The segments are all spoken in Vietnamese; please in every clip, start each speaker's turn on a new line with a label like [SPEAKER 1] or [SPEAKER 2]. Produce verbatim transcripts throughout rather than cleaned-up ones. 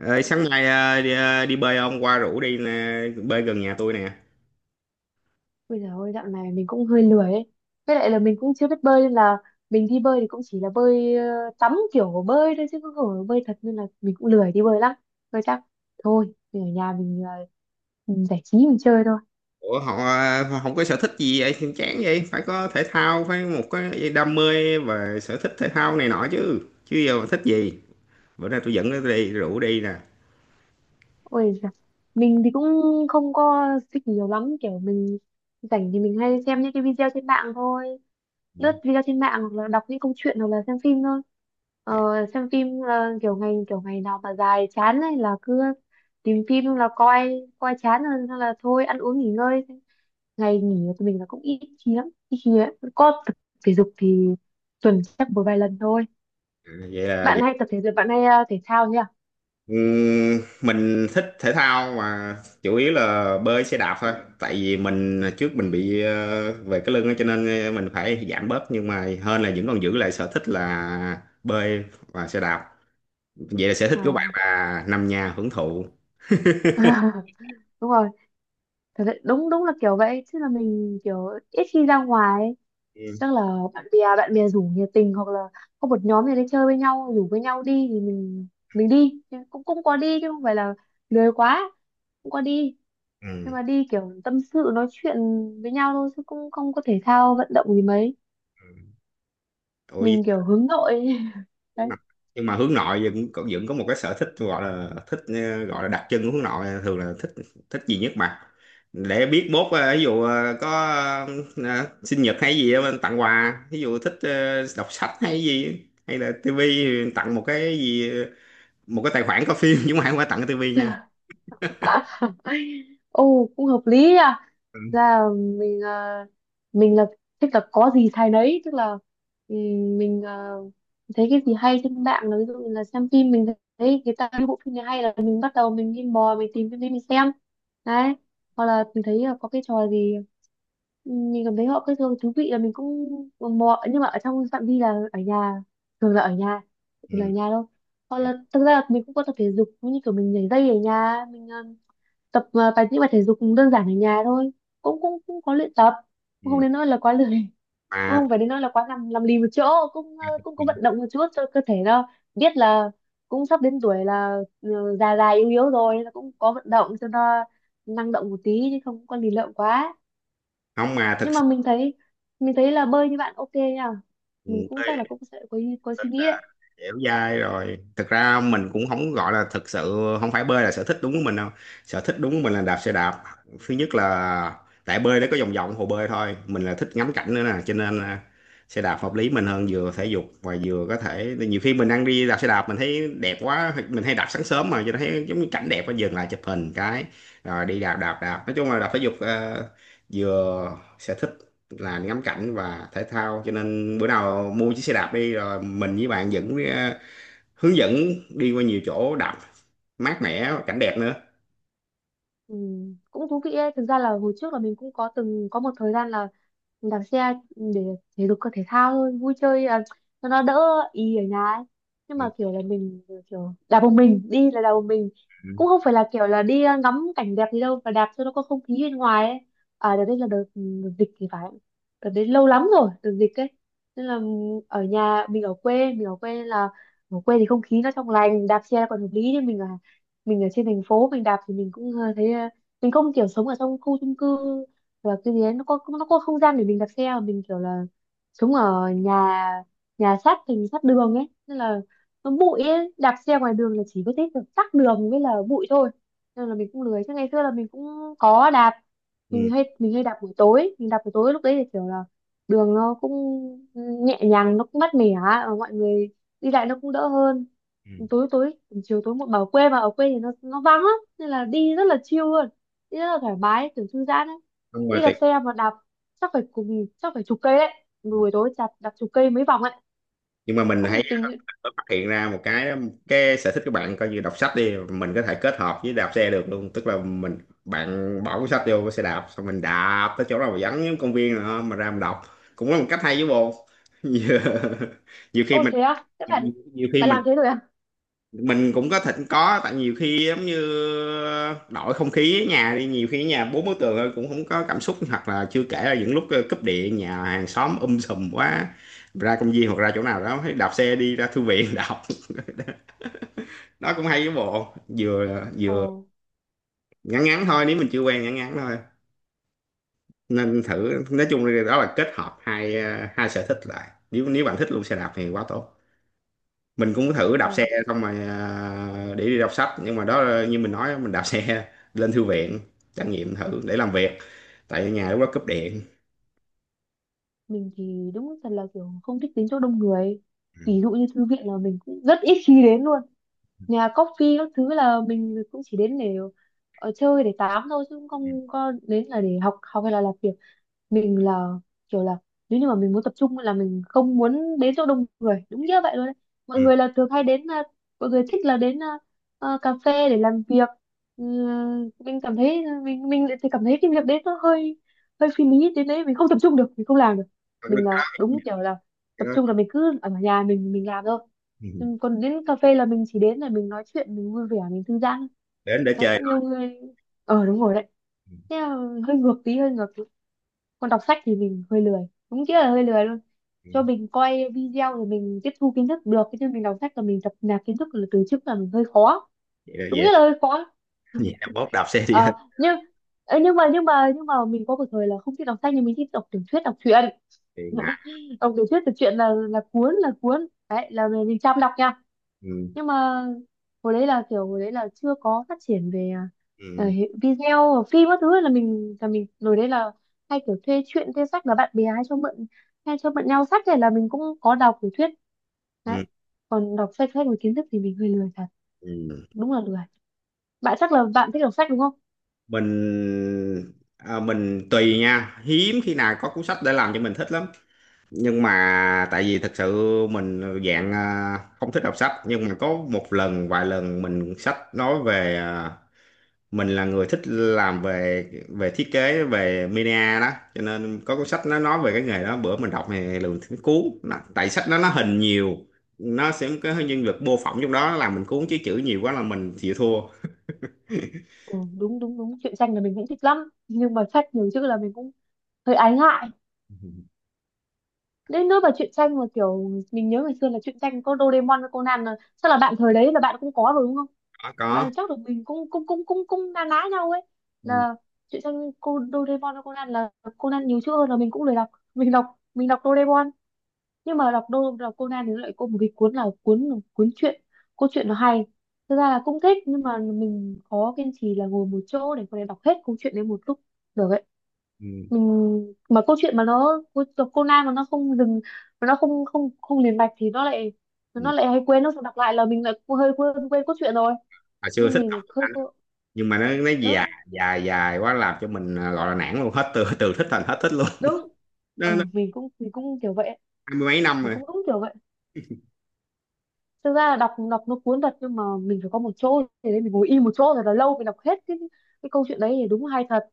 [SPEAKER 1] Ờ, Sáng nay ờ, đi, ờ, đi bơi ông qua rủ đi nè, bơi gần nhà tôi nè.
[SPEAKER 2] Bây giờ ôi dạo này mình cũng hơi lười ấy. Với lại là mình cũng chưa biết bơi nên là mình đi bơi thì cũng chỉ là bơi ờ, tắm kiểu bơi thôi chứ không phải bơi thật nên là mình cũng lười đi bơi lắm. Thôi chắc thôi mình ở nhà mình ờ, mình giải trí mình chơi thôi.
[SPEAKER 1] Ủa, họ ờ, không có sở thích gì vậy thì chán vậy, phải có thể thao, phải một cái đam mê và sở thích thể thao này nọ chứ. Chứ giờ mà thích gì. Bữa nay tôi dẫn nó đi rủ đi nè.
[SPEAKER 2] Ôi giời, mình thì cũng không có thích nhiều lắm, kiểu mình rảnh thì mình hay xem những cái video trên mạng thôi.
[SPEAKER 1] Ừ.
[SPEAKER 2] Lướt video trên mạng hoặc là đọc những câu chuyện hoặc là xem phim thôi, ờ,
[SPEAKER 1] Dạ.
[SPEAKER 2] xem phim là kiểu ngày kiểu ngày nào mà dài chán ấy là cứ tìm phim là coi, coi chán rồi là thôi ăn uống nghỉ ngơi. Ngày nghỉ của mình là cũng ít khi lắm, ít khi ấy. Có tập thể dục thì tuần chắc một vài lần thôi.
[SPEAKER 1] Vậy là
[SPEAKER 2] Bạn
[SPEAKER 1] vậy.
[SPEAKER 2] hay tập thể dục, bạn hay ờ, thể thao nhỉ?
[SPEAKER 1] Ừm, mình thích thể thao mà chủ yếu là bơi xe đạp thôi. Tại vì mình à, trước mình bị ờ, về cái lưng á, cho nên à, mình phải giảm bớt, nhưng mà hơn là vẫn còn giữ lại sở thích là bơi và xe đạp. Vậy là sở thích
[SPEAKER 2] Ờ.
[SPEAKER 1] của bạn là nằm nhà hưởng thụ.
[SPEAKER 2] Đúng rồi, thật sự đúng đúng là kiểu vậy chứ, là mình kiểu ít khi ra ngoài ấy.
[SPEAKER 1] Ừ.
[SPEAKER 2] Chắc là bạn bè bạn bè rủ nhiệt tình hoặc là có một nhóm gì đấy chơi với nhau rủ với nhau đi thì mình mình đi. Chứ cũng cũng có đi chứ không phải là lười quá, cũng có đi, nhưng
[SPEAKER 1] Ừ.
[SPEAKER 2] mà đi kiểu tâm sự nói chuyện với nhau thôi chứ cũng không có thể thao vận động gì mấy.
[SPEAKER 1] Ừ. Ủa,
[SPEAKER 2] Mình kiểu hướng nội đấy.
[SPEAKER 1] nhưng mà hướng nội vẫn cũng vẫn có một cái sở thích, gọi là thích, ờ, gọi là đặc trưng của hướng nội thường là thích thích gì nhất mà, để biết mốt ờ, ví dụ ờ, có ờ, sinh nhật hay gì á, mình tặng quà, ví dụ thích ờ, đọc sách hay gì, hay là tivi, tặng một cái gì, một cái tài khoản có phim, chứ không phải không phải tặng cái tivi nha.
[SPEAKER 2] Ồ cũng hợp lý nha.
[SPEAKER 1] Ừ.
[SPEAKER 2] Ra là mình à, mình là thích là có gì thay nấy, tức là ừm, mình à, thấy cái gì hay trên mạng, là ví dụ như là xem phim, mình thấy người ta cái bộ phim này hay là mình bắt đầu mình đi mò mình tìm phim đấy mình xem đấy. Hoặc là mình thấy là có cái trò gì ừ, mình cảm thấy họ cái thường thú vị là mình cũng mò, nhưng mà ở trong phạm vi là ở nhà, thường là ở nhà, thường là ở
[SPEAKER 1] Ừ.
[SPEAKER 2] nhà đâu. Hoặc
[SPEAKER 1] Ừ.
[SPEAKER 2] là thực ra là mình cũng có tập thể dục, như kiểu mình nhảy dây ở nhà mình à, tập à, bài những bài thể dục cũng đơn giản ở nhà thôi, cũng cũng cũng có luyện tập,
[SPEAKER 1] Ừ.
[SPEAKER 2] cũng không đến nỗi là quá lười cũng
[SPEAKER 1] mà
[SPEAKER 2] không phải đến nỗi là quá nằm nằm lì một chỗ, cũng à, cũng có vận động một chút cho cơ thể nó biết là cũng sắp đến tuổi là ừ, già già yếu yếu rồi, nên là cũng có vận động cho nó năng động một tí chứ không có lì lợm quá.
[SPEAKER 1] Không mà thật
[SPEAKER 2] Nhưng mà
[SPEAKER 1] sự,
[SPEAKER 2] mình thấy, mình thấy là bơi như bạn ok nha, mình
[SPEAKER 1] ừ.
[SPEAKER 2] cũng chắc là cũng sẽ có ý- có
[SPEAKER 1] Thật
[SPEAKER 2] suy nghĩ
[SPEAKER 1] ra
[SPEAKER 2] đấy.
[SPEAKER 1] dẻo dai rồi, thực ra mình cũng không gọi là, thực sự không phải bơi là sở thích đúng của mình đâu. Sở thích đúng của mình là đạp xe đạp. Thứ nhất là tại bơi nó có vòng vòng hồ bơi thôi, mình là thích ngắm cảnh nữa nè, cho nên là xe đạp hợp lý mình hơn, vừa thể dục và vừa có thể nhiều khi mình đang đi đạp xe đạp mình thấy đẹp quá, mình hay đạp sáng sớm mà, cho nên thấy giống như cảnh đẹp quá dừng lại chụp hình cái rồi đi đạp đạp đạp, nói chung là đạp thể dục, ờ, vừa sở thích là ngắm cảnh và thể thao, cho nên bữa nào mua chiếc xe đạp đi rồi mình với bạn dẫn ờ, hướng dẫn đi qua nhiều chỗ đạp mát mẻ cảnh đẹp nữa.
[SPEAKER 2] Ừ, cũng thú vị đấy. Thực ra là hồi trước là mình cũng có từng có một thời gian là đạp xe để thể dục cơ thể thao thôi, vui chơi à, cho nó đỡ ý ở nhà ấy. Nhưng
[SPEAKER 1] Ừ.
[SPEAKER 2] mà kiểu là mình kiểu đạp một mình, đi là đạp một mình, cũng không phải là kiểu là đi à, ngắm cảnh đẹp gì đâu, mà đạp cho nó có không khí bên ngoài ấy. À đợt đấy là đợt, ừ, đợt dịch thì phải, đợt đấy lâu lắm rồi, đợt dịch ấy. Nên là ừ, ở nhà mình ở quê, mình ở quê nên là ở quê thì không khí nó trong lành, đạp xe còn hợp lý. Nhưng mình là mình ở trên thành phố, mình đạp thì mình cũng ờ, thấy ờ, mình không kiểu sống ở trong khu chung cư và cái gì đấy nó có nó có không gian để mình đạp xe, mà mình kiểu là sống ở nhà, nhà sát thành sát đường ấy nên là nó bụi ấy, đạp xe ngoài đường là chỉ có thấy tắc đường với là bụi thôi, nên là mình cũng lười. Chứ ngày xưa là mình cũng có đạp, mình
[SPEAKER 1] Ừ.
[SPEAKER 2] hay mình hay đạp buổi tối, mình đạp buổi tối lúc đấy thì kiểu là đường nó cũng nhẹ nhàng, nó cũng mát mẻ, mọi người đi lại nó cũng đỡ hơn.
[SPEAKER 1] Ừ.
[SPEAKER 2] Tối tối chiều tối một bảo quê, mà ở quê thì nó nó vắng lắm nên là đi rất là chill luôn, đi rất là thoải mái, kiểu thư giãn ấy.
[SPEAKER 1] Không mà
[SPEAKER 2] Đi đạp
[SPEAKER 1] tuyệt,
[SPEAKER 2] xe mà đạp chắc phải cùng chắc phải chục cây đấy, buổi tối chặt đạp chục cây mấy vòng ấy,
[SPEAKER 1] nhưng mà mình
[SPEAKER 2] cũng
[SPEAKER 1] thấy
[SPEAKER 2] nhiệt tình ấy.
[SPEAKER 1] có phát hiện ra một cái cái sở thích của bạn coi như đọc sách đi, mình có thể kết hợp với đạp xe được luôn, tức là mình, bạn bỏ cuốn sách vô cái xe đạp xong mình đạp tới chỗ nào mà vắng giống công viên nữa mà ra mình đọc, cũng là một cách hay với bồ. nhiều, nhiều khi
[SPEAKER 2] Ô
[SPEAKER 1] mình
[SPEAKER 2] thế à các bạn,
[SPEAKER 1] nhiều khi
[SPEAKER 2] bạn
[SPEAKER 1] mình
[SPEAKER 2] làm thế rồi à?
[SPEAKER 1] mình cũng có thỉnh có, tại nhiều khi giống như đổi không khí ở nhà, đi nhiều khi ở nhà bốn bức tường thôi cũng không có cảm xúc, hoặc là chưa kể là những lúc ờ, cúp điện nhà hàng xóm um sùm quá, ra công viên hoặc ra chỗ nào đó thấy đạp xe đi ra thư viện đọc, đó cũng hay với bộ, vừa
[SPEAKER 2] Ồ
[SPEAKER 1] vừa ngắn ngắn thôi, nếu mình chưa quen ngắn ngắn thôi nên thử, nói chung là đó là kết hợp hai, ờ, hai sở thích lại, nếu nếu bạn thích luôn xe đạp thì quá tốt. Mình cũng thử đạp xe
[SPEAKER 2] ờ
[SPEAKER 1] xong rồi, à, để đi đọc sách, nhưng mà đó như mình nói mình đạp xe lên thư viện trải nghiệm thử để làm việc, tại ở nhà lúc đó cúp điện.
[SPEAKER 2] mình thì đúng thật là kiểu không thích đến chỗ đông người, ví dụ như thư viện là mình cũng rất ít khi đến luôn. Nhà coffee các thứ là mình cũng chỉ đến để ở chơi để tám thôi, chứ không có đến là để học học hay là làm việc. Mình là kiểu là nếu như mà mình muốn tập trung là mình không muốn đến chỗ đông người, đúng như vậy luôn đấy. Mọi
[SPEAKER 1] Ừ.
[SPEAKER 2] người là thường hay đến à, mọi người thích là đến à, à, cà phê để làm việc. Ừ, mình cảm thấy à, mình mình lại thì cảm thấy cái việc đấy nó hơi hơi phi lý, đến đấy mình không tập trung được, mình không làm được. Mình là
[SPEAKER 1] Cái đó,
[SPEAKER 2] đúng kiểu là
[SPEAKER 1] cái
[SPEAKER 2] tập
[SPEAKER 1] đó.
[SPEAKER 2] trung là mình cứ ở nhà mình mình làm thôi.
[SPEAKER 1] Ừ.
[SPEAKER 2] Ừ, còn đến cà phê là mình chỉ đến để mình nói chuyện, mình vui vẻ, mình thư giãn
[SPEAKER 1] Đến để
[SPEAKER 2] đấy.
[SPEAKER 1] chơi
[SPEAKER 2] Nhiều
[SPEAKER 1] thôi.
[SPEAKER 2] người ờ đúng rồi đấy,
[SPEAKER 1] Ừ.
[SPEAKER 2] thế là hơi ngược tí, hơi ngược. Còn đọc sách thì mình hơi lười, đúng nghĩa là hơi lười luôn.
[SPEAKER 1] Ừ.
[SPEAKER 2] Cho mình coi video rồi mình tiếp thu kiến thức được, chứ mình đọc sách là mình tập nạp kiến thức là từ trước là mình hơi khó,
[SPEAKER 1] Vậy là
[SPEAKER 2] đúng
[SPEAKER 1] vậy.
[SPEAKER 2] nghĩa là hơi khó.
[SPEAKER 1] Vậy là mốt đạp xe đi thôi.
[SPEAKER 2] Ờ, nhưng ờ, nhưng mà nhưng mà nhưng mà mình có một thời là không thích đọc sách, nhưng mình thích đọc tiểu thuyết, đọc truyện.
[SPEAKER 1] Thì ngại.
[SPEAKER 2] Đọc tiểu thuyết tiểu truyện là là cuốn là cuốn đấy là mình, mình chăm đọc nha.
[SPEAKER 1] Ừ.
[SPEAKER 2] Nhưng mà hồi đấy là kiểu hồi đấy là chưa có phát triển về ờ,
[SPEAKER 1] Ừ.
[SPEAKER 2] hệ- video phim các thứ, là mình là mình hồi đấy là hay kiểu thuê truyện thuê sách, là bạn bè hay cho mượn, hay cho mượn nhau sách thì là mình cũng có đọc tiểu thuyết
[SPEAKER 1] Ừ.
[SPEAKER 2] đấy. Còn đọc sách sách và kiến thức thì mình hơi lười thật,
[SPEAKER 1] Ừ.
[SPEAKER 2] đúng là lười. Bạn chắc là bạn thích đọc sách đúng không?
[SPEAKER 1] mình à, mình tùy nha, hiếm khi nào có cuốn sách để làm cho mình thích lắm, nhưng mà tại vì thật sự mình dạng à, không thích đọc sách, nhưng mà có một lần vài lần mình sách nói về, à, mình là người thích làm về về thiết kế về media đó, cho nên có cuốn sách nó nói về cái nghề đó, bữa mình đọc thì lường thấy cuốn nó, tại sách đó nó hình nhiều, nó sẽ có cái nhân vật mô phỏng trong đó làm mình cuốn, chứ chữ nhiều quá là mình chịu thua.
[SPEAKER 2] Ừ, đúng đúng đúng truyện tranh là mình cũng thích lắm, nhưng mà sách nhiều chữ là mình cũng hơi ái ngại. Đến nỗi mà truyện tranh mà kiểu mình nhớ ngày xưa là truyện tranh có Doraemon với Conan là chắc là bạn thời đấy là bạn cũng có rồi đúng không?
[SPEAKER 1] Có, có.
[SPEAKER 2] Bạn chắc là mình cũng cũng cũng cũng cũng na ná nhau ấy.
[SPEAKER 1] Ừ.
[SPEAKER 2] Là truyện tranh cô Doraemon với Conan là Conan nhiều chữ hơn là mình cũng lười đọc, mình đọc mình đọc Doraemon. Nhưng mà đọc đô đọc Conan thì nó lại có một cái cuốn, là cuốn cuốn truyện câu chuyện nó hay. Thực ra là cũng thích, nhưng mà mình khó kiên trì là ngồi một chỗ để có thể đọc hết câu chuyện đấy một lúc được ấy.
[SPEAKER 1] Ừ.
[SPEAKER 2] Mình mà câu chuyện mà nó đọc Conan mà nó không dừng, mà nó không không không liền mạch thì nó lại
[SPEAKER 1] Ừ.
[SPEAKER 2] nó lại hay quên, nó đọc lại là mình lại hơi quên quên cốt truyện rồi,
[SPEAKER 1] Hồi xưa
[SPEAKER 2] nên
[SPEAKER 1] thích đọc
[SPEAKER 2] mình
[SPEAKER 1] tiếng
[SPEAKER 2] hơi
[SPEAKER 1] Anh,
[SPEAKER 2] cô-
[SPEAKER 1] nhưng mà nó nó dài
[SPEAKER 2] đúng
[SPEAKER 1] dài dài quá làm cho mình, à, gọi là nản luôn, hết từ từ thích thành hết thích luôn.
[SPEAKER 2] đúng. Ừ,
[SPEAKER 1] Nó nó
[SPEAKER 2] mình cũng mình cũng kiểu vậy,
[SPEAKER 1] hai mươi mấy năm
[SPEAKER 2] mình
[SPEAKER 1] rồi.
[SPEAKER 2] cũng đúng kiểu vậy. Thực ra là đọc đọc nó cuốn thật, nhưng mà mình phải có một chỗ thế nên mình ngồi im một chỗ rồi là lâu mình đọc hết cái cái câu chuyện đấy thì đúng hay thật.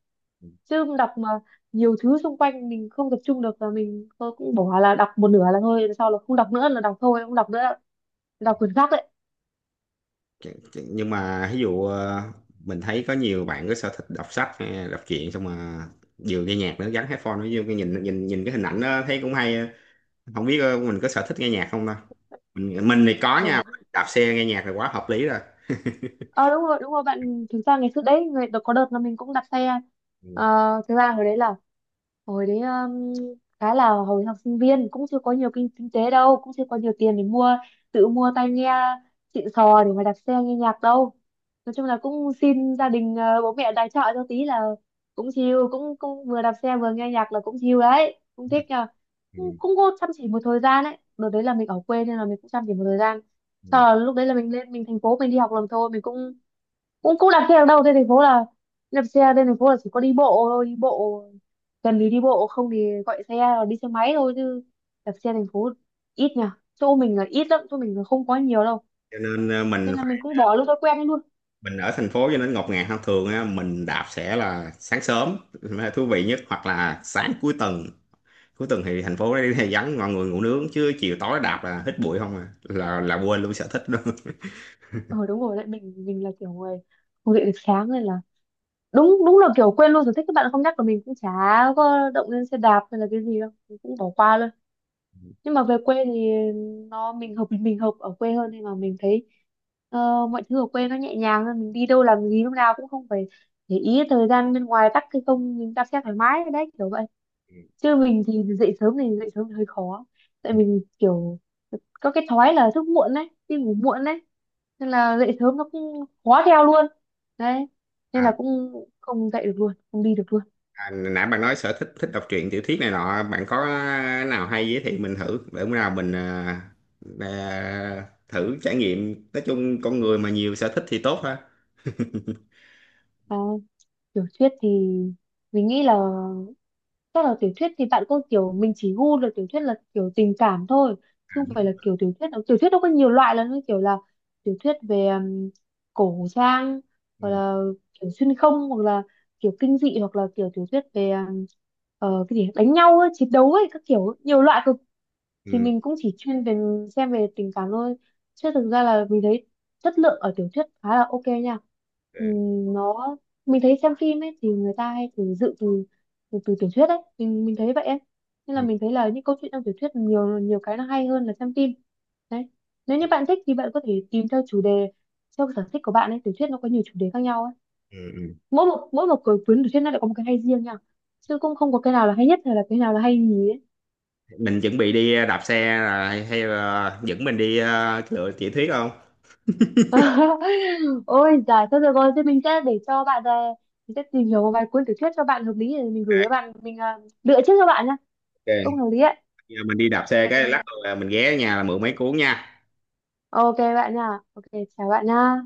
[SPEAKER 2] Chứ đọc mà nhiều thứ xung quanh mình không tập trung được là mình tôi cũng bỏ, là đọc một nửa là thôi, sau là không đọc nữa, là đọc thôi không đọc nữa, đọc quyển khác đấy.
[SPEAKER 1] Ch- ch- nhưng mà ví dụ ờ, mình thấy có nhiều bạn có sở thích đọc sách hay là đọc truyện, xong mà vừa nghe nhạc nữa gắn headphone nó vô cái nhìn nhìn nhìn cái hình ảnh đó thấy cũng hay. Không biết ờ, mình có sở thích nghe nhạc không đâu. Mình mình thì có
[SPEAKER 2] Ờ
[SPEAKER 1] nha, đạp xe nghe nhạc là quá hợp lý rồi.
[SPEAKER 2] Ờ, đúng rồi đúng rồi bạn. Thực ra ngày xưa đấy người có đợt là mình cũng đặt xe.
[SPEAKER 1] Ừ.
[SPEAKER 2] Ờ, thực ra hồi đấy là hồi đấy um, khá là hồi học sinh viên cũng chưa có nhiều kinh, kinh tế đâu, cũng chưa có nhiều tiền để mua tự mua tai nghe xịn sò để mà đặt xe nghe nhạc đâu. Nói chung là cũng xin gia đình ờ, bố mẹ tài trợ cho tí là cũng chill, cũng cũng vừa đạp xe vừa nghe nhạc là cũng chill đấy, cũng thích nhờ. cũng,
[SPEAKER 1] Ừ.
[SPEAKER 2] cũng có chăm chỉ một thời gian đấy, đợt đấy là mình ở quê nên là mình cũng chăm chỉ một thời gian. Sau
[SPEAKER 1] Ừ.
[SPEAKER 2] là lúc đấy là mình lên mình thành phố mình đi học làm thôi, mình cũng cũng cũng đạp xe ở đâu trên thành phố là đạp xe trên thành phố là chỉ có đi bộ thôi, đi bộ cần thì đi bộ, không thì gọi xe hoặc đi xe máy thôi, chứ đạp xe thành phố ít nhỉ, chỗ mình là ít lắm, chỗ mình là không có nhiều đâu,
[SPEAKER 1] Cho nên ờ, mình
[SPEAKER 2] nên là mình
[SPEAKER 1] phải,
[SPEAKER 2] cũng bỏ luôn thói quen ấy luôn.
[SPEAKER 1] mình ở thành phố cho nên ngột ngạt hơn thường á, mình đạp sẽ là sáng sớm là thú vị nhất, hoặc là sáng cuối tuần. Cuối tuần thì thành phố đây thì vắng, mọi người ngủ nướng, chứ chiều tối đạp là hít bụi không à, là là quên luôn sở thích luôn.
[SPEAKER 2] Ờ đúng rồi đấy, mình mình là kiểu người không dậy được sáng nên là đúng đúng là kiểu quên luôn sở thích. Các bạn không nhắc là mình cũng chả có động lên xe đạp hay là cái gì đâu, mình cũng bỏ qua luôn. Nhưng mà về quê thì nó mình hợp mình hợp ở quê hơn, nên mà mình thấy ờ, mọi thứ ở quê nó nhẹ nhàng hơn, mình đi đâu làm gì lúc nào cũng không phải để ý thời gian bên ngoài tắc hay không, mình đạp xe thoải mái đấy kiểu vậy. Chứ mình thì dậy sớm thì dậy sớm thì hơi khó, tại mình kiểu có cái thói là thức muộn đấy, đi ngủ muộn đấy, nên là dậy sớm nó cũng khó theo luôn đấy, nên là
[SPEAKER 1] à,
[SPEAKER 2] cũng không dậy được luôn, không đi được luôn.
[SPEAKER 1] à Nãy bạn nói sở thích thích đọc truyện tiểu thuyết này nọ, bạn có nào hay giới thiệu mình thử để bữa nào mình, à, à, thử trải nghiệm, nói chung con người mà nhiều sở thích thì tốt ha.
[SPEAKER 2] Tiểu thuyết thì mình nghĩ là chắc là tiểu thuyết thì bạn có kiểu mình chỉ gu là tiểu thuyết là kiểu tình cảm thôi, chứ không phải là kiểu tiểu thuyết tiểu thuyết nó có nhiều loại lắm, như kiểu là tiểu thuyết về um, cổ trang,
[SPEAKER 1] ừ.
[SPEAKER 2] hoặc là kiểu xuyên không, hoặc là kiểu kinh dị, hoặc là kiểu tiểu thuyết về um, ờ, cái gì đánh nhau ấy, chiến đấu ấy, các kiểu nhiều loại cực. Thì
[SPEAKER 1] Ừ.
[SPEAKER 2] mình cũng chỉ chuyên về xem về tình cảm thôi, chứ thực ra là mình thấy chất lượng ở tiểu thuyết khá là ok nha.
[SPEAKER 1] Ừ.
[SPEAKER 2] Ừm, nó mình thấy xem phim ấy thì người ta hay từ dự từ từ, từ tiểu thuyết ấy, mình mình thấy vậy ấy, nên là
[SPEAKER 1] Ừ.
[SPEAKER 2] mình thấy là những câu chuyện trong tiểu thuyết nhiều, nhiều cái nó hay hơn là xem phim đấy. Nếu như bạn thích thì bạn có thể tìm theo chủ đề, theo sở thích của bạn ấy, tiểu thuyết nó có nhiều chủ đề khác nhau ấy.
[SPEAKER 1] Ừ. Ừ.
[SPEAKER 2] Mỗi một mỗi một cuốn cuốn tiểu thuyết nó lại có một cái hay riêng nha, chứ cũng không có cái nào là hay nhất hay là cái nào là hay nhì ấy.
[SPEAKER 1] Mình chuẩn bị đi đạp xe, là hay, hay là dẫn mình đi à, lựa tiểu thuyết không?
[SPEAKER 2] Ôi giời, thôi được rồi, thế mình sẽ để cho bạn ờ, mình sẽ tìm hiểu một vài cuốn tiểu thuyết cho bạn hợp lý để mình gửi cho bạn, mình ờ, lựa trước cho bạn nha.
[SPEAKER 1] Ok.
[SPEAKER 2] Cũng hợp lý ấy.
[SPEAKER 1] Giờ mình đi đạp xe cái lát
[SPEAKER 2] Ok.
[SPEAKER 1] là mình ghé ở nhà là mượn mấy cuốn nha.
[SPEAKER 2] Ok bạn nha. Ok, chào bạn nha.